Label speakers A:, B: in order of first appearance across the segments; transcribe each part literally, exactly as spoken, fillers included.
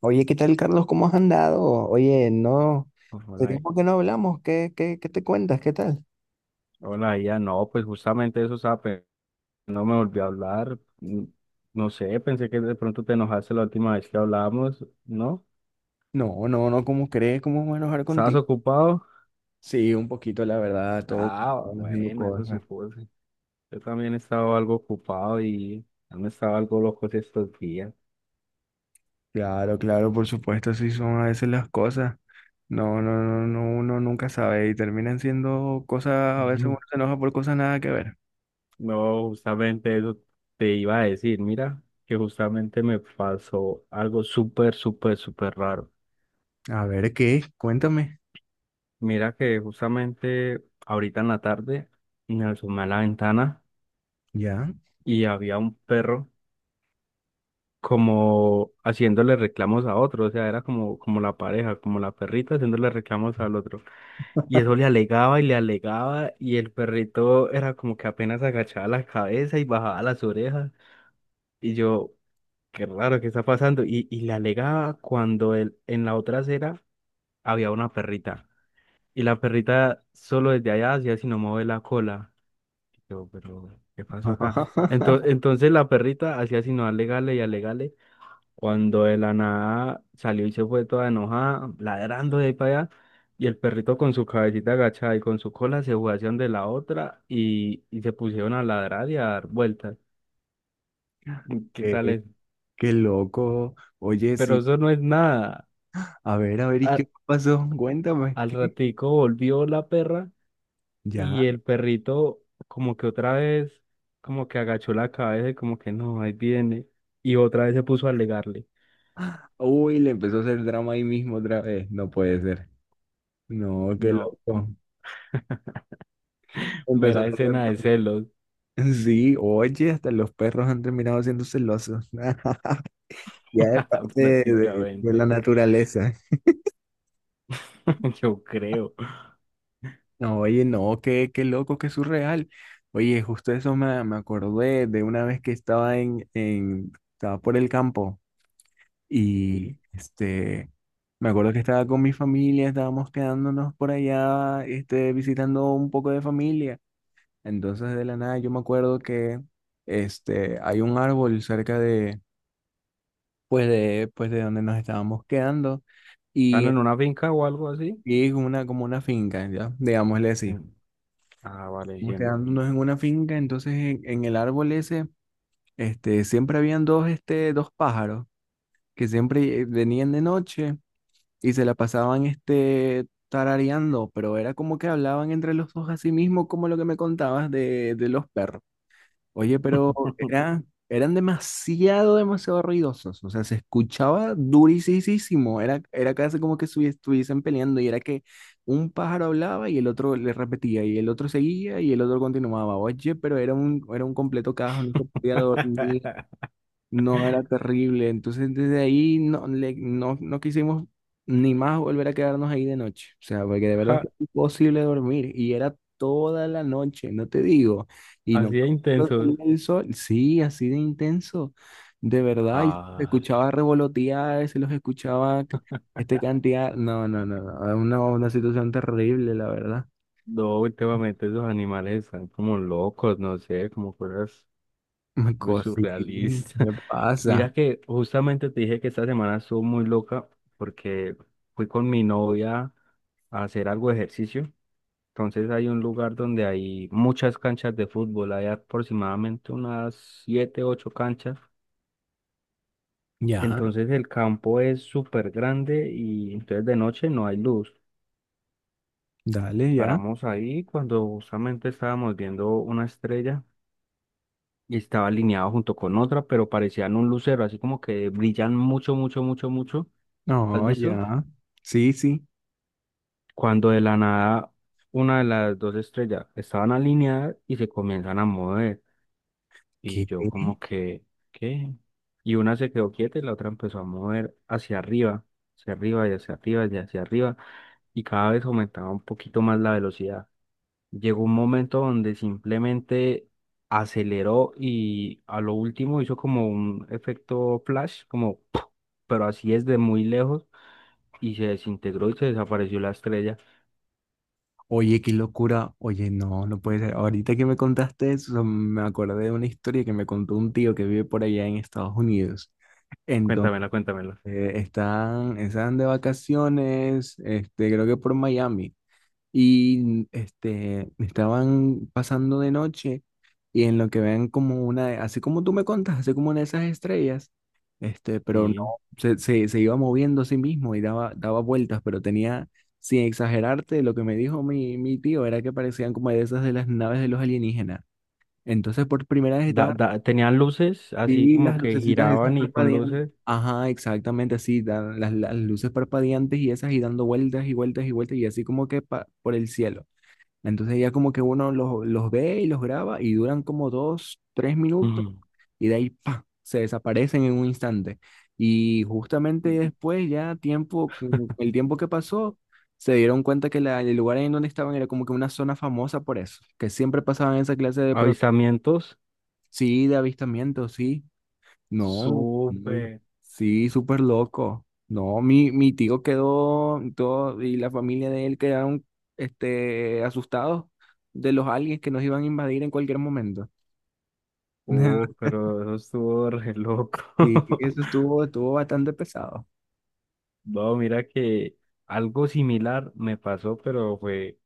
A: Oye, ¿qué tal, Carlos? ¿Cómo has andado? Oye, no, hace
B: Hola,
A: tiempo que no hablamos. ¿Qué, qué, qué te cuentas? ¿Qué tal?
B: hola, ya no, pues justamente eso, estaba pe- no me volvió a hablar. mm, No sé, pensé que de pronto te enojaste la última vez que hablábamos, ¿no?
A: No, no, no, ¿cómo crees? ¿Cómo voy a enojar
B: ¿Estabas
A: contigo?
B: ocupado?
A: Sí, un poquito, la verdad, todo
B: Ah,
A: ocupado haciendo
B: bueno, eso
A: cosas.
B: supuse. Yo también estaba algo ocupado y han estado algo locos estos días.
A: Claro, claro, por supuesto, así son a veces las cosas. No, no, no, no, uno nunca sabe y terminan siendo cosas, a veces
B: Ujú.
A: uno se enoja por cosas nada que ver.
B: No, justamente eso te iba a decir. Mira, que justamente me pasó algo súper, súper, súper raro.
A: A ver, ¿qué? Cuéntame,
B: Mira que justamente ahorita en la tarde me asomé a la ventana
A: ¿ya?
B: y había un perro como haciéndole reclamos a otro, o sea, era como, como la pareja, como la perrita haciéndole reclamos al otro. Y eso le alegaba y le alegaba y el perrito era como que apenas agachaba la cabeza y bajaba las orejas. Y yo, qué raro, ¿qué está pasando? Y, y le alegaba cuando él, en la otra acera había una perrita. Y la perrita solo desde allá hacía sino mover la cola. Y yo, pero, ¿qué pasó acá? Entonces, entonces la perrita hacía sino alegarle y alegarle. Cuando de la nada salió y se fue toda enojada, ladrando de ahí para allá, y el perrito con su cabecita agachada y con su cola se fue hacia donde la otra y, y se pusieron a ladrar y a dar vueltas. ¿Qué tal
A: Eh,
B: es?
A: qué loco. Oye,
B: Pero
A: sí,
B: eso no es nada.
A: a ver, a ver, ¿y
B: A-
A: qué pasó? Cuéntame,
B: Al
A: ¿qué?
B: ratico volvió la perra
A: Ya.
B: y el perrito como que otra vez, como que agachó la cabeza y como que no, ahí viene. Y otra vez se puso a alegarle.
A: Uy, le empezó a hacer drama ahí mismo otra vez. No puede ser. No, qué
B: No,
A: loco. Empezó a
B: mera
A: hacer drama.
B: escena de celos,
A: Sí, oye, hasta los perros han terminado siendo celosos. Ya es parte de, de- de la
B: prácticamente.
A: naturaleza.
B: Yo creo.
A: No, oye, no, qué, qué loco, qué surreal. Oye, justo eso me, me acordé de una vez que estaba en, en, estaba por el campo y
B: Sí.
A: este, me acuerdo que estaba con mi familia, estábamos quedándonos por allá, este, visitando un poco de familia. Entonces de la nada yo me acuerdo que este, hay un árbol cerca de, pues de, pues de donde nos estábamos quedando
B: ¿Están
A: y,
B: en una finca o algo así?
A: y es una, como una finca, ¿ya? Digámosle así.
B: En- Ah, vale,
A: Estamos
B: entiendo.
A: quedándonos en una finca, entonces en, en el árbol ese este, siempre habían dos, este, dos pájaros que siempre eh, venían de noche y se la pasaban este, tarareando, pero era como que hablaban entre los dos así mismo como lo que me contabas de, de los perros. Oye, pero era, eran demasiado, demasiado ruidosos. O sea, se escuchaba durísimo. Era, era casi como que estuvi- estuviesen peleando y era que un pájaro hablaba y el otro le repetía y el otro seguía y el otro continuaba. Oye, pero era un, era un completo caos, no se podía dormir. No era terrible. Entonces desde ahí no, le- no, no quisimos ni más volver a quedarnos ahí de noche. O sea, porque de verdad es que
B: Ja,
A: es imposible dormir. Y era toda la noche, no te digo. Y
B: así
A: no
B: de
A: no
B: intensos.
A: salía el sol. Sí, así de intenso. De verdad. Y se
B: Ah,
A: escuchaba revolotear, se los escuchaba c- este cantidad. No, no, no, no. Era Una, una situación terrible, la verdad.
B: no, últimamente esos animales están como locos, no sé, como cosas
A: Me
B: muy
A: cosí, ¿qué
B: surrealistas. Mira
A: pasa?
B: que justamente te dije que esta semana estuvo muy loca porque fui con mi novia a hacer algo de ejercicio. Entonces hay un lugar donde hay muchas canchas de fútbol, hay aproximadamente unas siete, ocho canchas.
A: Ya,
B: Entonces el campo es súper grande y entonces de noche no hay luz.
A: dale, ya.
B: Paramos ahí cuando justamente estábamos viendo una estrella y estaba alineado junto con otra, pero parecían un lucero, así como que brillan mucho, mucho, mucho, mucho. ¿Has
A: No,
B: visto?
A: ya. Sí, sí.
B: Cuando de la nada una de las dos estrellas estaban alineadas y se comienzan a mover. Y
A: ¿Qué?
B: yo como que, ¿qué? Y una se quedó quieta y la otra empezó a mover hacia arriba, hacia arriba y hacia arriba y hacia arriba. Y cada vez aumentaba un poquito más la velocidad. Llegó un momento donde simplemente aceleró y a lo último hizo como un efecto flash, como, ¡puf!, pero así es de muy lejos y se desintegró y se desapareció la estrella.
A: Oye, qué locura. Oye, no, no puede ser. Ahorita que me contaste eso, me acordé de una historia que me contó un tío que vive por allá en Estados Unidos. Entonces,
B: Cuéntamela, cuéntamela.
A: eh, están, están de vacaciones, este, creo que por Miami. Y este, estaban pasando de noche y en lo que ven como una, de- así como tú me contas, así como una de esas estrellas, este, pero no,
B: Sí.
A: se, se, se iba moviendo a sí mismo y daba, daba vueltas, pero tenía, sin exagerarte, lo que me dijo mi, mi tío era que parecían como de esas de las naves de los alienígenas. Entonces por primera vez
B: Da,
A: estaba,
B: da- tenían luces así
A: sí,
B: como
A: las
B: que
A: lucecitas esas
B: giraban y con
A: parpadean.
B: luces.
A: Ajá, exactamente así, da- las, las luces parpadeantes y esas y dando vueltas y vueltas y vueltas y así como que pa- por el cielo. Entonces ya como que uno los, los ve y los graba y duran como dos, tres minutos
B: Ujú.
A: y de ahí ¡pa! Se desaparecen en un instante. Y justamente después ya tiempo, que- el tiempo que pasó, se dieron cuenta que la- el lugar en donde estaban era como que una zona famosa por eso, que siempre pasaban esa clase de... pro-
B: Avisamientos,
A: Sí, de avistamientos, sí. No, muy,
B: súper,
A: sí, súper loco. No, mi, mi tío quedó y todo y la familia de él quedaron este, asustados de los aliens que nos iban a invadir en cualquier momento.
B: uh, pero eso estuvo re loco.
A: Sí, eso estuvo, estuvo bastante pesado.
B: No, mira que algo similar me pasó, pero fue,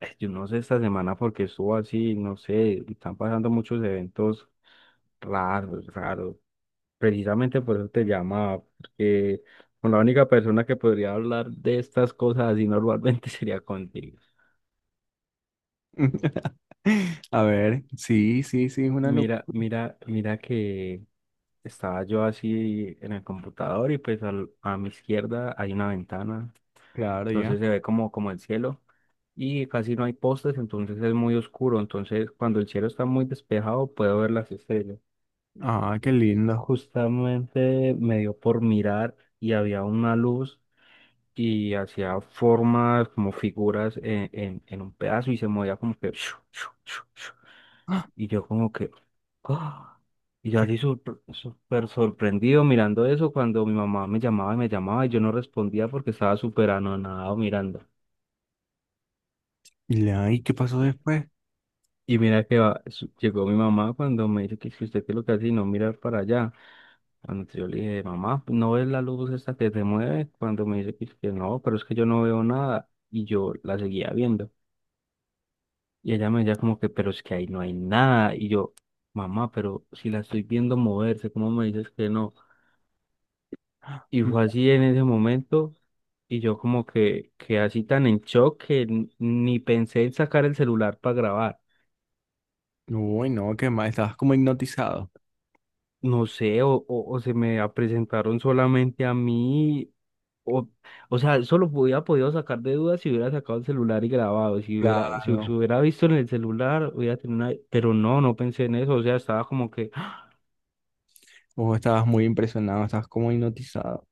B: eh, yo no sé esta semana porque estuvo así, no sé, están pasando muchos eventos raros, raros. Precisamente por eso te llamaba, porque con la única persona que podría hablar de estas cosas así normalmente sería contigo.
A: A ver, sí, sí, sí, es una
B: Mira,
A: locura.
B: mira, mira que estaba yo así en el computador y pues al- a mi izquierda hay una ventana,
A: Claro, ya.
B: entonces se ve como, como el cielo y casi no hay postes, entonces es muy oscuro, entonces cuando el cielo está muy despejado puedo ver las estrellas.
A: Ah, qué lindo.
B: Justamente me dio por mirar y había una luz y hacía formas como figuras en, en, en un pedazo y se movía como que...
A: Ah,
B: Y yo como que... ¡Ah! Y yo
A: qué-
B: así sorpre- súper sorprendido mirando eso cuando mi mamá me llamaba y me llamaba y yo no respondía porque estaba súper anonadado mirando.
A: ¿Y la- y qué pasó después?
B: Y mira que va- su- llegó mi mamá cuando me dice que si usted qué es lo que hace y no mirar para allá. Cuando yo le dije, mamá, ¿no ves la luz esta que se mueve? Cuando me dice que, que no, pero es que yo no veo nada. Y yo la seguía viendo. Y ella me decía como que, pero es que ahí no hay nada. Y yo, mamá, pero si la estoy viendo moverse, ¿cómo me dices que no? Y fue así en ese momento, y yo como que, que así tan en shock que n- ni pensé en sacar el celular para grabar.
A: Uy, no, qué mal, estabas como hipnotizado.
B: No sé, o, o, o se me a- presentaron solamente a mí, o, o sea, eso lo hubiera podido sacar de dudas si hubiera sacado el celular y grabado, si hubiera, si, se
A: Claro.
B: hubiera visto en el celular, hubiera tenido una... Pero no, no pensé en eso, o sea, estaba como que,
A: O estabas muy impresionado, estabas como hipnotizado.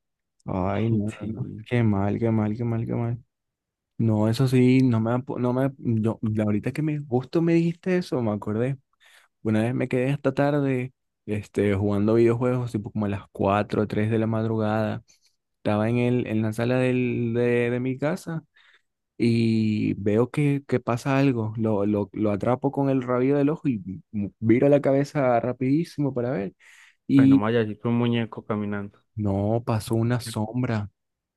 A: Ay, no, no, no.
B: sí,
A: Qué mal, qué mal, qué mal, qué mal. No, eso sí, no me, apo- no me, yo, la- ahorita que me, justo me dijiste eso, me acordé. Una vez me quedé hasta tarde, este, jugando videojuegos, tipo como a las cuatro o tres de la madrugada. Estaba en el, en la sala del, de, de mi casa y veo que, que pasa algo. Lo, lo, lo atrapo con el rabillo del ojo y m- viro la cabeza rapidísimo para ver.
B: bueno,
A: Y
B: vaya, así fue un muñeco caminando.
A: no, pasó una sombra.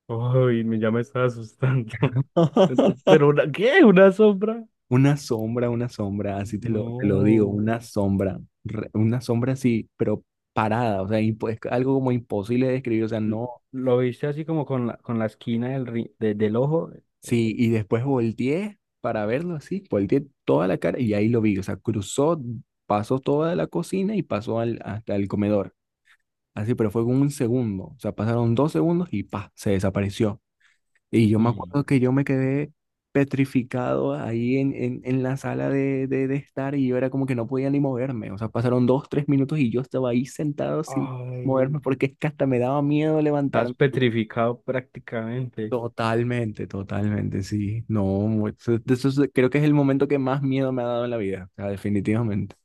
B: Ay, me- ya me estaba asustando. Pero, pero una- ¿qué? ¿Una sombra?
A: Una sombra, una sombra, así te lo, te lo digo,
B: No.
A: una sombra, re- una sombra así, pero parada, o sea, impo- es algo como imposible de describir, o sea,
B: L-
A: no,
B: ¿Lo viste así como con la, con la esquina del, ri- de- del ojo? Eh,
A: sí, y después volteé para verlo así, volteé toda la cara y ahí lo vi, o sea, cruzó, pasó toda la cocina y pasó al, hasta el comedor, así, pero fue como un segundo, o sea, pasaron dos segundos y pa, se desapareció. Y yo me
B: mm.
A: acuerdo que yo me quedé petrificado ahí en, en, en la sala de, de, de estar y yo era como que no podía ni moverme. O sea, pasaron dos, tres minutos y yo estaba ahí sentado sin
B: Ay.
A: moverme porque es que hasta me daba miedo
B: Estás
A: levantarme.
B: petrificado prácticamente.
A: Totalmente, totalmente, sí. No, mu- eso, eso es- creo que es el momento que más miedo me ha dado en la vida, o sea, definitivamente.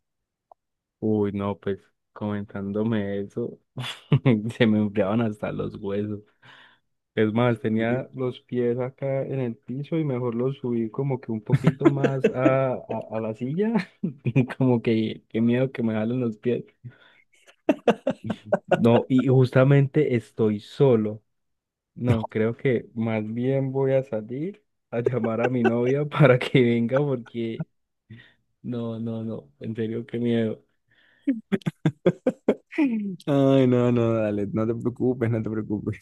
B: Uy, no, pues comentándome eso, se me enfriaban hasta los huesos. Es más,
A: Sí.
B: tenía los pies acá en el piso y mejor los subí como que un poquito más a, a, a la silla, como que qué miedo que me jalen los pies. No, y justamente estoy solo. No, creo que más bien voy a salir a llamar a mi novia para que venga porque no, no, no, en serio, qué miedo.
A: Ay, no, no, dale, no te preocupes, no te preocupes.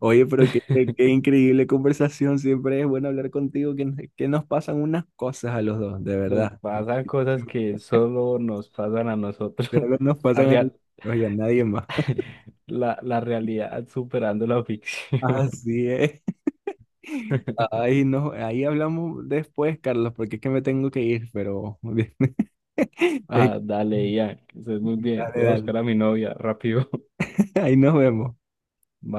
A: Oye, pero qué, qué, increíble conversación. Siempre es bueno hablar contigo, que, que nos pasan unas cosas a los dos, de
B: Nos
A: verdad.
B: pasan cosas
A: De
B: que solo nos pasan a nosotros.
A: verdad nos
B: La,
A: pasan a los
B: real-
A: dos y a nadie más.
B: la, la realidad superando la ficción.
A: Así es. Ahí, no, ahí hablamos después, Carlos, porque es que me tengo que ir, pero...
B: Ah, dale, ya, que estés muy bien.
A: Dale,
B: Voy a
A: dale.
B: buscar a mi novia rápido.
A: Ahí nos vemos.